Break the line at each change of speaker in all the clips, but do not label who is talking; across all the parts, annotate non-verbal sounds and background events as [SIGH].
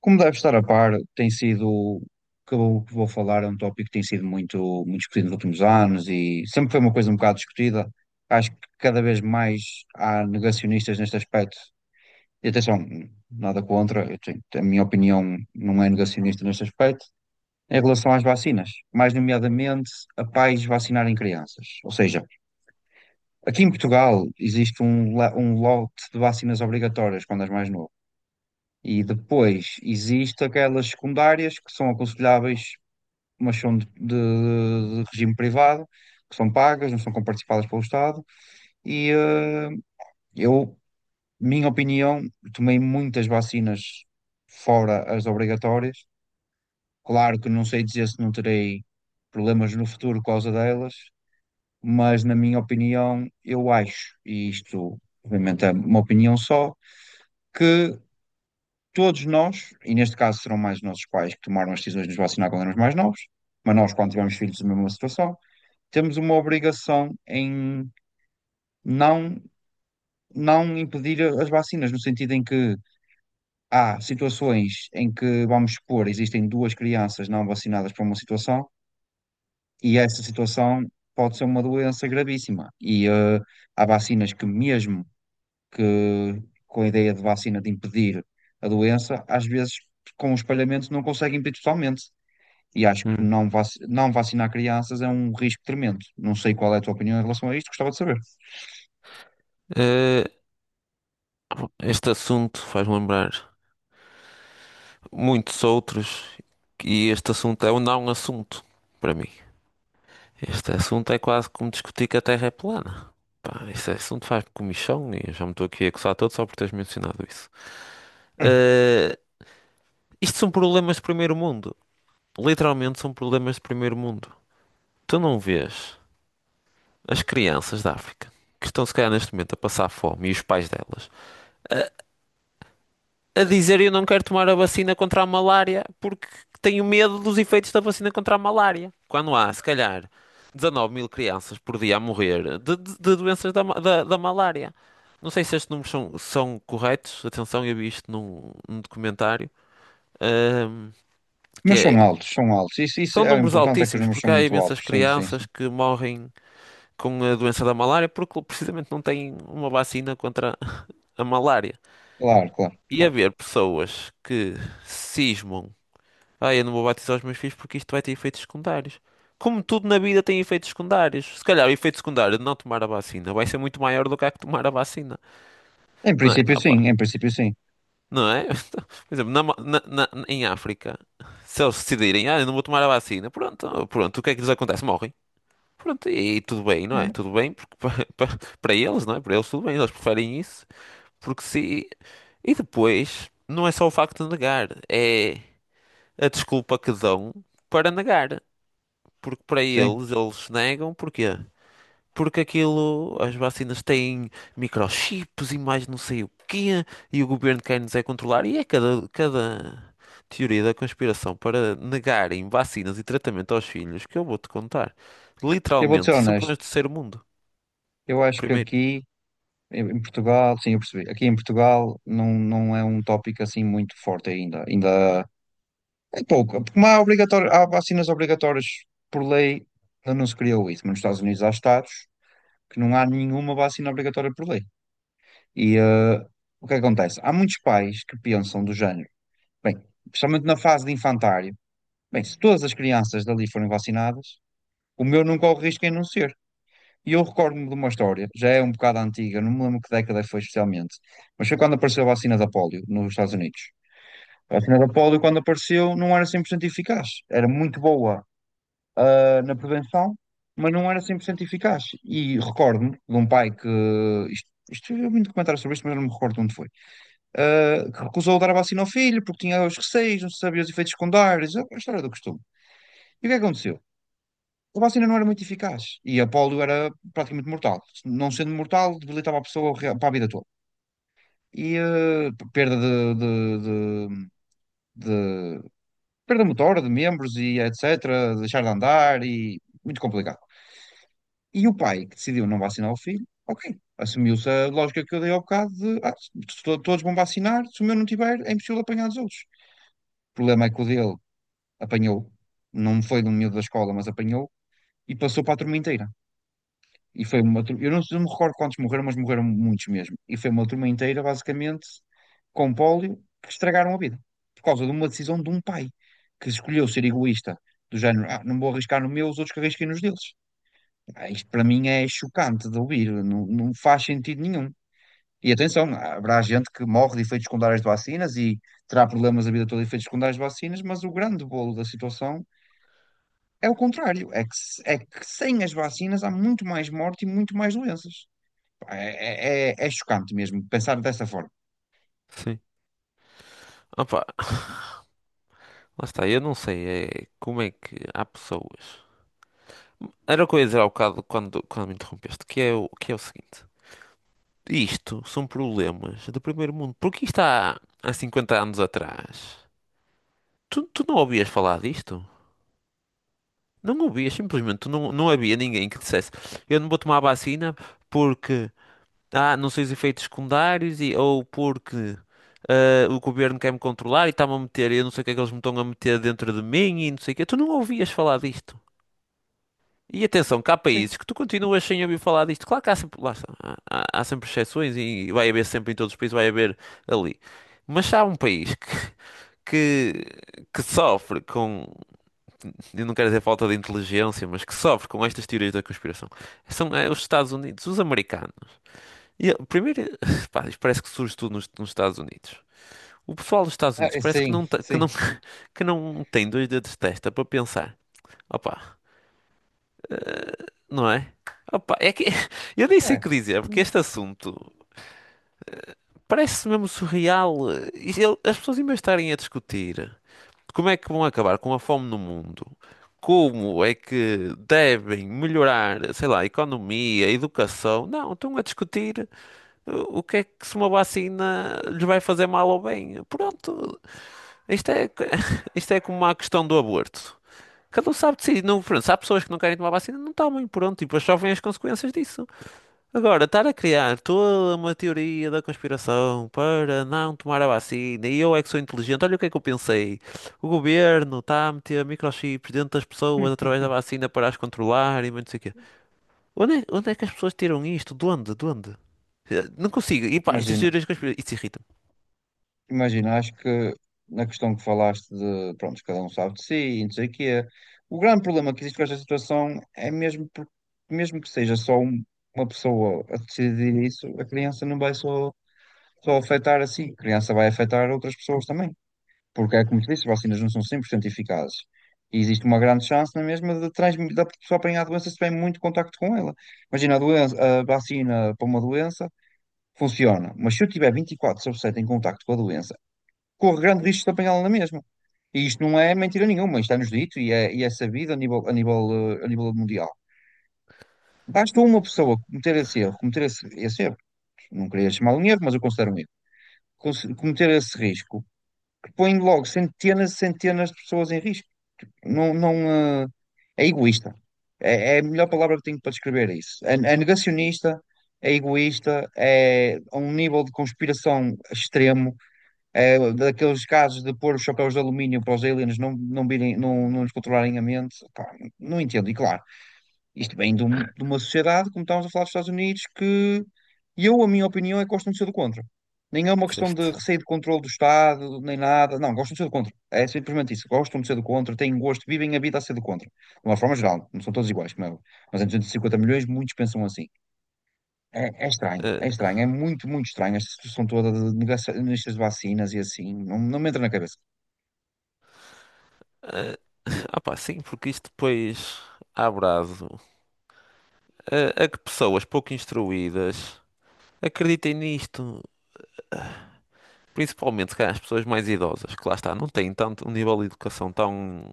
Como deve estar a par, tem sido o que eu vou falar, é um tópico que tem sido muito discutido nos últimos anos e sempre foi uma coisa um bocado discutida. Acho que cada vez mais há negacionistas neste aspecto. E atenção, nada contra, a minha opinião não é negacionista neste aspecto, em relação às vacinas, mais nomeadamente a pais vacinarem crianças. Ou seja, aqui em Portugal existe um lote de vacinas obrigatórias quando és mais novo. E depois existe aquelas secundárias que são aconselháveis, mas são de regime privado, que são pagas, não são comparticipadas pelo Estado. E eh, eu, minha opinião, tomei muitas vacinas fora as obrigatórias. Claro que não sei dizer se não terei problemas no futuro por causa delas, mas na minha opinião, eu acho, e isto obviamente é uma opinião só, que todos nós, e neste caso serão mais os nossos pais que tomaram as decisões de nos vacinar quando éramos mais novos, mas nós, quando tivemos filhos, a mesma situação, temos uma obrigação em não, não impedir as vacinas, no sentido em que há situações em que, vamos supor, existem duas crianças não vacinadas para uma situação, e essa situação pode ser uma doença gravíssima. Há vacinas que, mesmo que com a ideia de vacina de impedir a doença, às vezes com o espalhamento não consegue impedir totalmente. E acho que
Hum.
não, vac não vacinar crianças é um risco tremendo. Não sei qual é a tua opinião em relação a isto, gostava de saber. [LAUGHS]
Eh, Este assunto faz-me lembrar muitos outros e este assunto é um não é um assunto para mim. Este assunto é quase como discutir que a Terra é plana. Pá, este assunto faz-me comichão e eu já me estou aqui a coçar todo só por teres mencionado isso.
Hum.
Eh, Isto são problemas de primeiro mundo. Literalmente são problemas de primeiro mundo. Tu não vês as crianças da África que estão se calhar neste momento a passar fome e os pais delas a dizer: eu não quero tomar a vacina contra a malária porque tenho medo dos efeitos da vacina contra a malária. Quando há, se calhar, 19 mil crianças por dia a morrer de, de doenças da, da malária. Não sei se estes números são corretos. Atenção, eu vi isto num, num documentário. ahm, que
Mas
é,
são altos, são altos. Isso
são
é o
números
importante, é que os
altíssimos,
números são
porque há
muito altos.
imensas
Sim, sim, sim.
crianças que morrem com a doença da malária porque precisamente não têm uma vacina contra a malária.
Claro, claro,
E
claro.
haver pessoas que cismam: ah, eu não vou batizar os meus filhos porque isto vai ter efeitos secundários. Como tudo na vida tem efeitos secundários. Se calhar o efeito secundário de não tomar a vacina vai ser muito maior do que a que tomar a vacina.
Em
Não é?
princípio, sim,
Opa,
em princípio, sim.
não é? [LAUGHS] Por exemplo, na, em África, se eles decidirem, ah, eu não vou tomar a vacina, pronto, pronto, o que é que lhes acontece? Morrem. Pronto, e tudo bem, não é?
É,
Tudo bem porque [LAUGHS] para eles, não é? Para eles tudo bem, eles preferem isso. Porque se... E depois, não é só o facto de negar, é a desculpa que dão para negar. Porque para
sim.
eles, eles negam, porquê? Porque aquilo, as vacinas têm microchips e mais não sei o quê, e o governo quer-nos é controlar, e é cada teoria da conspiração para negarem vacinas e tratamento aos filhos que eu vou-te contar.
Eu vou
Literalmente,
ser
isso são problemas
honesto.
do terceiro mundo,
Eu acho que
primeiro.
aqui em Portugal, sim, eu percebi. Aqui em Portugal não, não é um tópico assim muito forte ainda. Ainda é pouco. Porque há, obrigatório, há vacinas obrigatórias por lei, ainda não se criou isso, mas nos Estados Unidos há estados que não há nenhuma vacina obrigatória por lei. E eh, o que acontece? Há muitos pais que pensam do género, bem, especialmente na fase de infantário, bem, se todas as crianças dali forem vacinadas, o meu não corre risco em não ser. E eu recordo-me de uma história, já é um bocado antiga, não me lembro que década foi especialmente, mas foi quando apareceu a vacina da polio nos Estados Unidos. A vacina da polio, quando apareceu, não era 100% eficaz, era muito boa na prevenção, mas não era 100% eficaz. E recordo-me de um pai que. Eu vi muito comentário sobre isto, mas eu não me recordo onde foi. Que recusou dar a vacina ao filho porque tinha os receios, não se sabia os efeitos secundários, a história do costume. E o que é que aconteceu? A vacina não era muito eficaz e a polio era praticamente mortal. Não sendo mortal, debilitava a pessoa para a vida toda. Perda de, de perda motora, de membros e etc., deixar de andar e muito complicado. E o pai que decidiu não vacinar o filho, ok, assumiu-se a lógica que eu dei ao bocado de se todos vão vacinar, se o meu não tiver, é impossível apanhar os outros. O problema é que o dele apanhou, não foi de um miúdo da escola, mas apanhou e passou para a turma inteira. E foi uma turma, eu não me recordo quantos morreram, mas morreram muitos mesmo. E foi uma turma inteira, basicamente, com pólio, que estragaram a vida. Por causa de uma decisão de um pai que escolheu ser egoísta, do género, ah, não vou arriscar no meu, os outros que arrisquem nos deles. Ah, isto para mim é chocante de ouvir, não, não faz sentido nenhum. E atenção, haverá gente que morre de efeitos secundários de vacinas e terá problemas a vida toda de efeitos secundários de vacinas, mas o grande bolo da situação é o contrário, é que, é que sem as vacinas há muito mais morte e muito mais doenças. Pá, é chocante mesmo pensar dessa forma.
Sim. Opa, lá está, eu não sei é, como é que há pessoas. Era o que eu ia dizer há bocado quando me interrompeste, que é que é o seguinte. Isto são problemas do primeiro mundo. Porque isto há, há 50 anos atrás. Tu não ouvias falar disto? Não ouvias, simplesmente. Tu não, não havia ninguém que dissesse: eu não vou tomar a vacina porque ah, não sei os efeitos secundários e, ou porque ah, o governo quer me controlar e está-me a meter. Eu não sei o que é que eles me estão a meter dentro de mim e não sei o que. Tu não ouvias falar disto. E atenção, que há
Sim,
países que tu continuas sem ouvir falar disto. Claro que há sempre, lá está, há, há sempre exceções e vai haver sempre em todos os países, vai haver ali. Mas se há um país que sofre com, eu não quero dizer falta de inteligência, mas que sofre com estas teorias da conspiração, são os Estados Unidos, os americanos. E, primeiro, [LAUGHS] pá, isto parece que surge tudo nos, nos Estados Unidos. O pessoal dos Estados
ah,
Unidos parece que
sim,
não,
sim.
[LAUGHS] que não tem dois dedos de testa para pensar. Opa. Não é? Opa, é que [LAUGHS] eu nem sei o
É.
que dizer, porque este assunto parece mesmo surreal. E as pessoas, em vez de estarem a discutir como é que vão acabar com a fome no mundo, como é que devem melhorar, sei lá, a economia, a educação, não, estão a discutir o que é que se uma vacina lhes vai fazer mal ou bem. Pronto, isto é, co- [LAUGHS] isto é como a questão do aborto. Cada um sabe de si. Não, pronto, se há pessoas que não querem tomar vacina, não tomem, pronto, e depois sofrem as consequências disso. Agora, estar a criar toda uma teoria da conspiração para não tomar a vacina e eu é que sou inteligente, olha o que é que eu pensei. O governo está a meter microchips dentro das pessoas através da vacina para as controlar e mais não sei o quê. Onde é que as pessoas tiram isto? De onde? De onde? Não consigo. E pá, estas
Imagina.
teorias conspiratórias. Isso irrita-me.
Imagina, acho que na questão que falaste de, pronto, cada um sabe de si, e não sei o quê, o grande problema que existe com esta situação é mesmo, mesmo que seja uma pessoa a decidir isso, a criança não vai só, só afetar assim, a criança vai afetar outras pessoas também, porque é como te disse, as vacinas não são 100% eficazes, e existe uma grande chance na mesma de transmitir, da pessoa apanhar a doença se tiver muito contacto com ela. Imagina, a doença, a vacina para uma doença funciona, mas se eu tiver 24 sobre 7 em contacto com a doença, corre grande risco de apanhá-la na mesma. E isto não é mentira nenhuma, isto está-nos dito e é sabido a nível mundial. Basta uma pessoa cometer esse erro, cometer esse erro, não queria chamar um erro, mas eu considero um erro, cometer esse risco, que põe logo centenas e centenas de pessoas em risco. Não, não, eh, é egoísta. É, é a melhor palavra que tenho para descrever isso. É, é negacionista, é egoísta, é a um nível de conspiração extremo. É daqueles casos de pôr os chapéus de alumínio para os aliens não virem, não nos controlarem a mente. Pá, não entendo. E claro, isto vem de, de uma sociedade, como estávamos a falar dos Estados Unidos, que eu, a minha opinião, é que gostam de ser do contra. Nem é uma questão
Certo.
de receio de controle do Estado, nem nada. Não, gostam de ser do contra. É simplesmente isso. Gostam de ser do contra, têm gosto, vivem a vida a ser do contra. De uma forma geral, não são todos iguais, como é óbvio. Mas em 250 milhões, muitos pensam assim. É, é estranho,
Eh,
é estranho, é muito estranho esta situação toda de negacionistas de vacinas e assim, não, não me entra na cabeça.
eh, [LAUGHS] ah pá, sim, porque isto depois abre aso. A que pessoas pouco instruídas acreditem nisto. Principalmente, se calhar, as pessoas mais idosas, que lá está, não têm tanto um nível de educação tão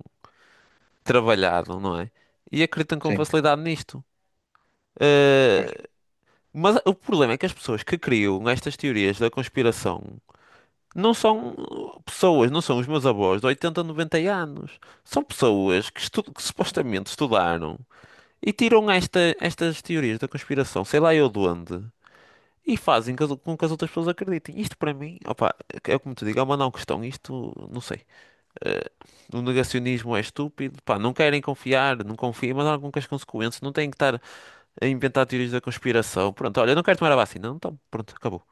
trabalhado, não é? E acreditam com
Sim,
facilidade nisto.
pois.
Eh, mas o problema é que as pessoas que criam estas teorias da conspiração não são pessoas, não são os meus avós de 80, 90 anos. São pessoas que supostamente estudaram e tiram estas teorias da conspiração, sei lá eu de onde, e fazem com que as outras pessoas acreditem. Isto para mim, opa, é como te digo, é uma não questão. Isto, não sei. Eh, O negacionismo é estúpido, pá, não querem confiar, não confiem, mas há algumas com consequências, não têm que estar a inventar teorias da conspiração. Pronto, olha, eu não quero tomar a vacina, não tomo, pronto, acabou.